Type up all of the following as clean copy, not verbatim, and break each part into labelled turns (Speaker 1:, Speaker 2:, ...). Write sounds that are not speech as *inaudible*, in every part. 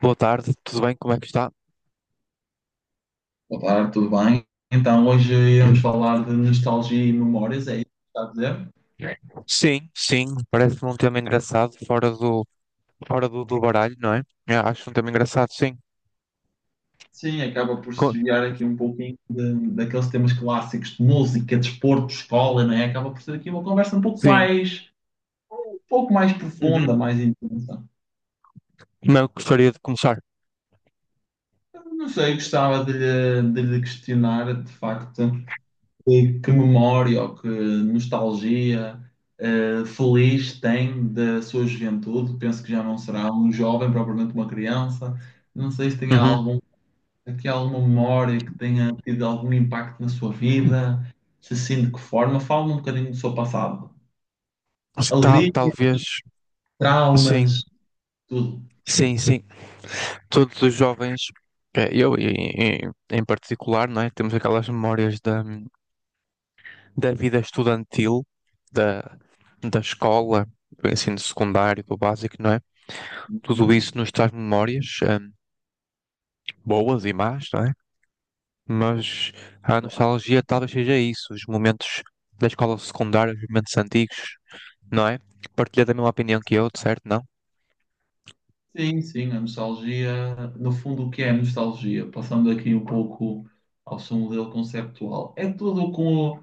Speaker 1: Boa tarde, tudo bem? Como é que está?
Speaker 2: Boa tarde, tudo bem? Então, hoje íamos falar de nostalgia e memórias, é isso que está a dizer?
Speaker 1: Sim, sim, parece-me um tema engraçado, fora do, fora do baralho, não é? Eu acho um tema engraçado, sim.
Speaker 2: Sim, acaba por se
Speaker 1: Co-
Speaker 2: desviar aqui um pouquinho daqueles temas clássicos de música, desporto, escola, não é? Acaba por ser aqui uma conversa
Speaker 1: sim,
Speaker 2: um pouco mais
Speaker 1: uhum.
Speaker 2: profunda, mais intensa.
Speaker 1: Não, eu gostaria de começar.
Speaker 2: Não sei, gostava de lhe questionar, de facto, que memória ou que nostalgia feliz tem da sua juventude. Penso que já não será um jovem, propriamente uma criança. Não sei se tem
Speaker 1: Uhum.
Speaker 2: algum aqui, há alguma memória que tenha tido algum impacto na sua vida? Se sim, de que forma? Fala-me um bocadinho do seu passado. Alegria,
Speaker 1: Talvez, sim,
Speaker 2: traumas, tudo.
Speaker 1: sim, sim. Todos os jovens, eu em particular, não é? Temos aquelas memórias da, da vida estudantil, da, da escola, do ensino secundário, do básico, não é? Tudo
Speaker 2: Hum,
Speaker 1: isso nos traz memórias. Boas e más, não é? Mas a
Speaker 2: claro.
Speaker 1: nostalgia talvez seja isso, os momentos da escola secundária, os momentos antigos, não é? Partilha da mesma opinião que eu, de certo, não?
Speaker 2: Sim, sim, a nostalgia. No fundo, o que é a nostalgia? Passando aqui um pouco ao seu modelo conceptual. É tudo com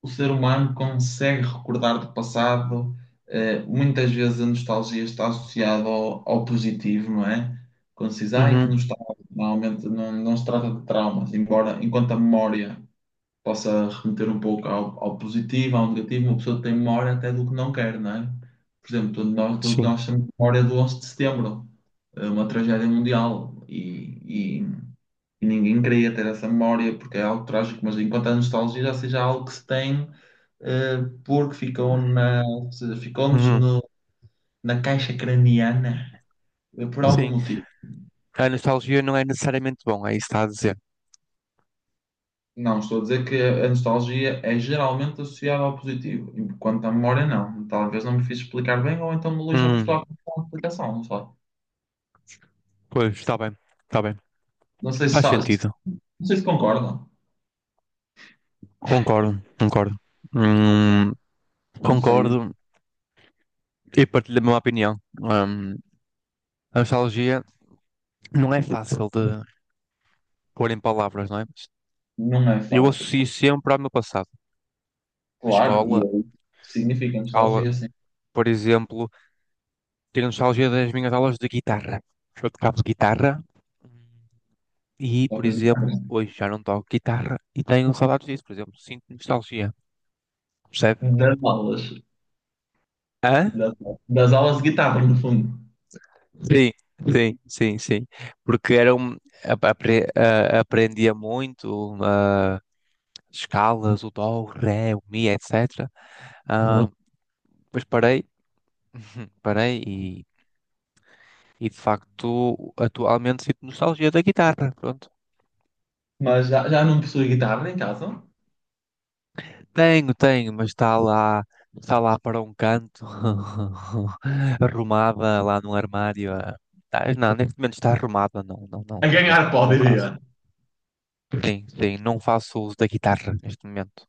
Speaker 2: o ser humano consegue recordar do passado. Muitas vezes a nostalgia está associada ao positivo, não é? Quando se diz, ai, que
Speaker 1: Uhum,
Speaker 2: nostalgia, normalmente não se trata de traumas, embora enquanto a memória possa remeter um pouco ao positivo, ao negativo, uma pessoa tem memória até do que não quer, não é? Por exemplo, todos
Speaker 1: sim.
Speaker 2: nós temos memória do 11 de setembro, uma tragédia mundial, e ninguém queria ter essa memória porque é algo trágico, mas enquanto a nostalgia já seja algo que se tem eh, porque ficou ficou-nos
Speaker 1: Uhum,
Speaker 2: no- na caixa craniana, por algum
Speaker 1: sim.
Speaker 2: motivo.
Speaker 1: A nostalgia não é necessariamente bom, é isso que está a dizer.
Speaker 2: Não, estou a dizer que a nostalgia é geralmente associada ao positivo, enquanto a memória não. Talvez não me fiz explicar bem, ou então o Luís não prestou
Speaker 1: Hum,
Speaker 2: atenção à explicação, não sei.
Speaker 1: pois, está bem, está bem.
Speaker 2: Não sei se,
Speaker 1: Faz
Speaker 2: está- se-
Speaker 1: sentido.
Speaker 2: não sei se concordam.
Speaker 1: Concordo, concordo. Hum,
Speaker 2: Não sei,
Speaker 1: concordo e partilho a mesma opinião. A nostalgia não é fácil de pôr em palavras, não é?
Speaker 2: não é
Speaker 1: Eu
Speaker 2: fácil.
Speaker 1: associo sempre ao meu passado. A
Speaker 2: Claro, e
Speaker 1: escola,
Speaker 2: aí significa
Speaker 1: aula,
Speaker 2: nostalgia, sim.
Speaker 1: por exemplo, ter nostalgia das minhas aulas de guitarra. Eu tocava guitarra e, por
Speaker 2: Talvez-
Speaker 1: exemplo,
Speaker 2: não.
Speaker 1: hoje já não toco guitarra e tenho saudades disso, por exemplo. Sinto nostalgia, percebe?
Speaker 2: Das aulas,
Speaker 1: Hã?
Speaker 2: das, das aulas de guitarra, no fundo.
Speaker 1: Sim, sim. Porque era um, aprendia muito escalas, o dó, o ré, o mi, etc. Ah, uhum. Depois parei, *laughs* *clears throat* parei e de facto atualmente sinto nostalgia da guitarra. Pronto.
Speaker 2: Mas já não possui guitarra em casa?
Speaker 1: Tenho, tenho, mas está lá para um canto, *laughs* arrumada lá no armário. Ah. Não, neste momento está arrumada, não, não, não,
Speaker 2: A
Speaker 1: não, não,
Speaker 2: ganhar
Speaker 1: não faço.
Speaker 2: poderia.
Speaker 1: Sim, sim, não faço uso da guitarra neste momento.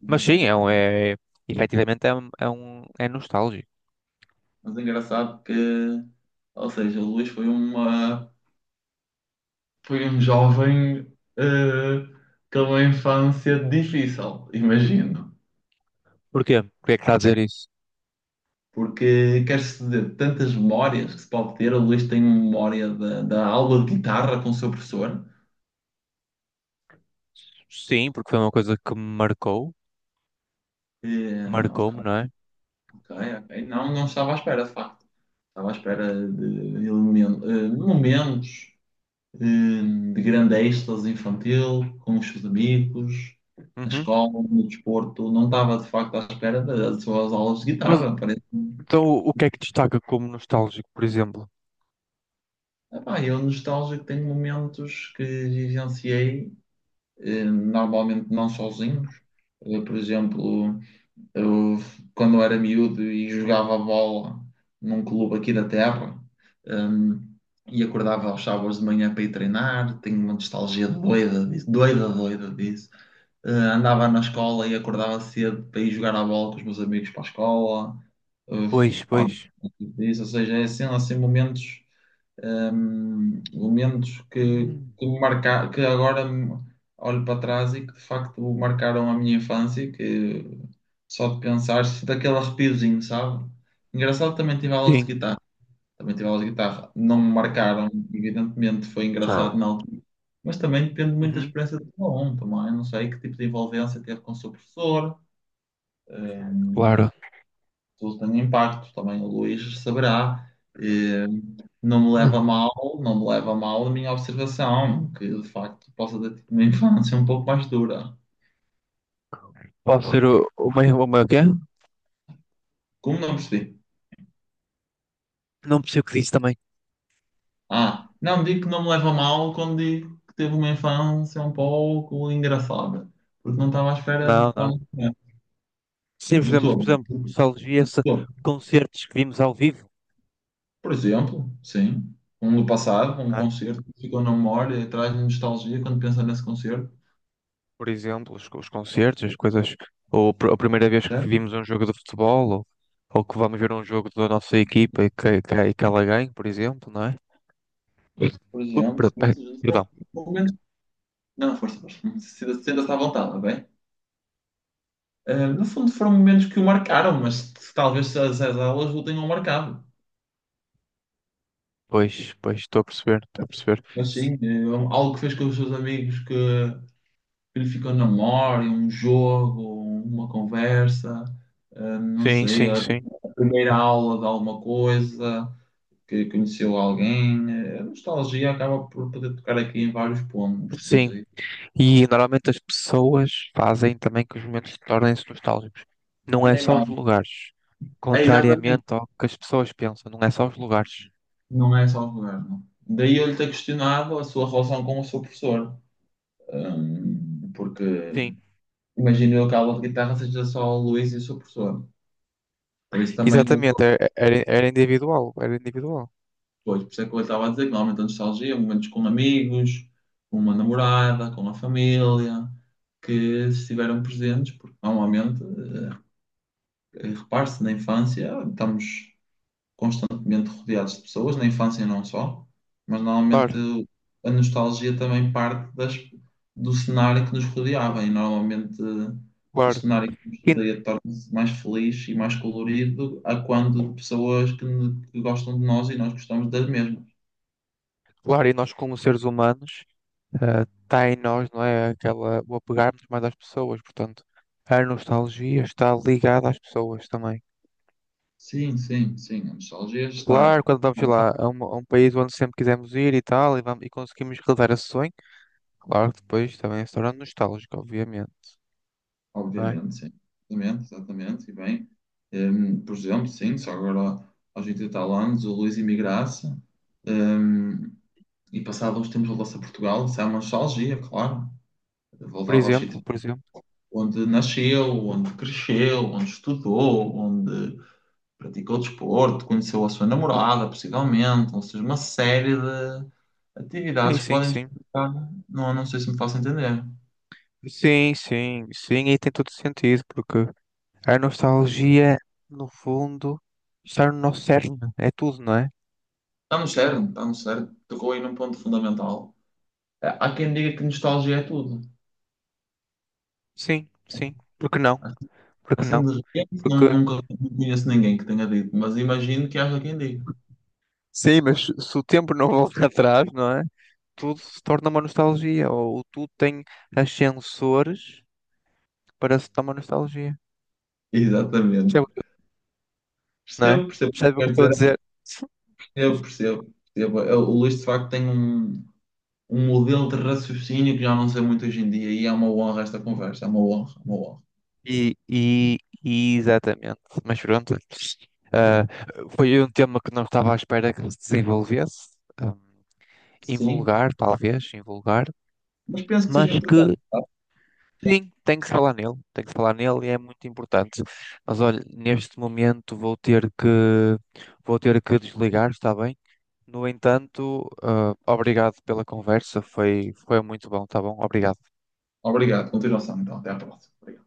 Speaker 2: Não
Speaker 1: Mas
Speaker 2: usa a
Speaker 1: sim,
Speaker 2: guitarra.
Speaker 1: é, efetivamente é, é nostálgico.
Speaker 2: Mas é engraçado que, ou seja, o Luís foi um jovem eh, com uma infância difícil, imagino.
Speaker 1: Porquê? Porquê é que está a dizer isso?
Speaker 2: Porque quer-se dizer, tantas memórias que se pode ter, o Luís tem uma memória da aula de guitarra com o seu professor.
Speaker 1: Sim, porque foi uma coisa que me marcou,
Speaker 2: E, ok,
Speaker 1: marcou-me, não é?
Speaker 2: ok. Não, não estava à espera, de facto. Estava à espera de momentos eh, de grande êxtase infantil, com os seus amigos, na
Speaker 1: Uhum.
Speaker 2: escola, no desporto. Não estava de facto à espera das suas aulas de
Speaker 1: Mas
Speaker 2: guitarra. Parece-me.
Speaker 1: então o que é que destaca como nostálgico, por exemplo?
Speaker 2: Epá, eu nostálgico tenho momentos que vivenciei, normalmente não sozinhos. Por exemplo, eu, quando era miúdo e jogava bola num clube aqui da terra, hum, e acordava aos sábados de manhã para ir treinar, tenho uma nostalgia doida disso, doida disso. Andava na escola e acordava cedo para ir jogar à bola com os meus amigos para a escola. Eh,
Speaker 1: Pois,
Speaker 2: Pá,
Speaker 1: pois.
Speaker 2: isso, ou seja, é assim, assim momentos, momentos
Speaker 1: Hum.
Speaker 2: que me marca, que agora olho para trás e que de facto marcaram a minha infância, que só de pensar, se daquele arrepiozinho, sabe? Engraçado que também tive aulas de
Speaker 1: Sim.
Speaker 2: guitarra. Também tive aulas de guitarra. Não me marcaram, evidentemente, foi engraçado na altura mas também depende muito da
Speaker 1: Uhum,
Speaker 2: experiência de cada um também. Eu não sei que tipo de envolvência teve com o seu professor,
Speaker 1: claro.
Speaker 2: se isso tem impacto, também o Luís saberá. Eh, não me
Speaker 1: É.
Speaker 2: leva a mal, não me leva a mal a minha observação, que de facto possa ter tido uma *laughs* infância um pouco mais dura.
Speaker 1: Pode ser o meu quê?
Speaker 2: Como não percebi?
Speaker 1: Não percebo o que disse também.
Speaker 2: Ah, não digo que não me leva a mal quando digo que teve uma infância um pouco engraçada, porque não estava à espera de
Speaker 1: Não, não.
Speaker 2: quando
Speaker 1: Sim,
Speaker 2: de
Speaker 1: por
Speaker 2: todo.
Speaker 1: exemplo, nostalgia-se concertos que vimos ao vivo,
Speaker 2: Por exemplo, sim, um do passado, um
Speaker 1: não é?
Speaker 2: concerto que ficou na memória, e traz nostalgia quando pensa nesse concerto.
Speaker 1: Por exemplo, os concertos, as coisas, ou a primeira vez que
Speaker 2: Certo?
Speaker 1: vimos um jogo de futebol, ou que vamos ver um jogo da nossa equipa e e que ela ganhe, por exemplo, não é?
Speaker 2: Por
Speaker 1: Ui,
Speaker 2: exemplo, sim, foram
Speaker 1: perdão.
Speaker 2: momentos. Não, força, força. Sinta-se à vontade, tá bem? Ah, no fundo, foram momentos que o marcaram, mas que talvez as aulas o tenham marcado.
Speaker 1: Pois, pois, estou a perceber, estou a perceber.
Speaker 2: Mas sim, é algo que fez com os seus amigos que lhe ficou na memória, um jogo, uma conversa, ah, não
Speaker 1: Sim,
Speaker 2: sei,
Speaker 1: sim,
Speaker 2: a
Speaker 1: sim.
Speaker 2: primeira aula de alguma coisa. Que conheceu alguém. A nostalgia acaba por poder tocar aqui em vários pontos, não
Speaker 1: Sim.
Speaker 2: sei.
Speaker 1: E normalmente as pessoas fazem também que os momentos tornem-se nostálgicos. Não é
Speaker 2: Nem
Speaker 1: só os
Speaker 2: mais.
Speaker 1: lugares.
Speaker 2: É exatamente,
Speaker 1: Contrariamente ao que as pessoas pensam, não é só os lugares.
Speaker 2: não é só o governo. Daí eu lhe ter questionado a sua relação com o seu professor, porque
Speaker 1: Sim,
Speaker 2: imagino eu que a aula de guitarra seja só o Luís e o seu professor. Por isso também,
Speaker 1: exatamente.
Speaker 2: depois,
Speaker 1: Era individual. Era individual.
Speaker 2: por isso é que eu estava a dizer que normalmente a nostalgia, é momentos com amigos, com uma namorada, com a família, que estiveram presentes, porque normalmente, repare-se, na infância estamos constantemente rodeados de pessoas, na infância e não só, mas normalmente
Speaker 1: Claro,
Speaker 2: a nostalgia também parte do cenário que nos rodeava e normalmente o
Speaker 1: claro.
Speaker 2: cenário que nos
Speaker 1: E,
Speaker 2: rodeia torna-se mais feliz e mais colorido a quando de pessoas que gostam de nós e nós gostamos das mesmas.
Speaker 1: claro, e nós, como seres humanos, está em nós, não é? Aquela, o apegarmos mais às pessoas. Portanto, a nostalgia está ligada às pessoas também.
Speaker 2: Sim, sim, sim, a nostalgia está,
Speaker 1: Claro, quando vamos lá a um país onde sempre quisemos ir e tal, e, vamos, e conseguimos realizar esse sonho, claro que depois também se torna nostálgico, obviamente, não é?
Speaker 2: obviamente, sim, exatamente, exatamente, e bem, hum, por exemplo, sim, só agora aos 80 e tal anos, o Luís Imigraça, e passado uns tempos voltou-se a Portugal. Isso é uma nostalgia, claro.
Speaker 1: Por
Speaker 2: Voltava aos
Speaker 1: exemplo,
Speaker 2: sítios
Speaker 1: por exemplo.
Speaker 2: onde nasceu, onde cresceu, onde estudou, onde praticou desporto, conheceu a sua namorada, possivelmente. Ou seja, uma série de
Speaker 1: Sim,
Speaker 2: atividades que
Speaker 1: sim,
Speaker 2: podem
Speaker 1: sim.
Speaker 2: justificar. Não, não sei se me faço entender.
Speaker 1: Sim, sim, sim, e tem todo sentido, porque a nostalgia, no fundo, está no nosso cerne, é tudo, não é?
Speaker 2: Está no cerne, está no cerne. Tocou aí num ponto fundamental. É, há quem diga que nostalgia é tudo.
Speaker 1: Sim, sim. Porque não?
Speaker 2: Assim,
Speaker 1: Porque não?
Speaker 2: assim, de repente, não,
Speaker 1: Porque,
Speaker 2: nunca não conheço ninguém que tenha dito, mas imagino que haja quem diga.
Speaker 1: sim, mas se o tempo não volta *laughs* atrás, não é? Tudo se torna uma nostalgia, ou tudo tem ascensores parece dar uma nostalgia. Percebe
Speaker 2: Exatamente.
Speaker 1: o que- Não é?
Speaker 2: Percebo, percebo o que
Speaker 1: Percebe o que
Speaker 2: quer
Speaker 1: estou a
Speaker 2: dizer.
Speaker 1: dizer?
Speaker 2: Eu percebo, percebo. O Luís, de facto, tem um, um modelo de raciocínio que já não sei muito hoje em dia e é uma honra esta conversa, é uma honra, é uma honra.
Speaker 1: E, e, e exatamente. Mas pronto. Ah, foi um tema que não estava à espera que se desenvolvesse. Um,
Speaker 2: Sim,
Speaker 1: invulgar, talvez, invulgar.
Speaker 2: mas penso que
Speaker 1: Mas
Speaker 2: seja
Speaker 1: que,
Speaker 2: importante, tá?
Speaker 1: sim, tem que se falar nele. Tem que se falar nele e é muito importante. Mas olha, neste momento vou ter que desligar, está bem? No entanto, ah, obrigado pela conversa. Foi, foi muito bom, está bom? Obrigado.
Speaker 2: Obrigado, continuação então, até à próxima. Obrigado.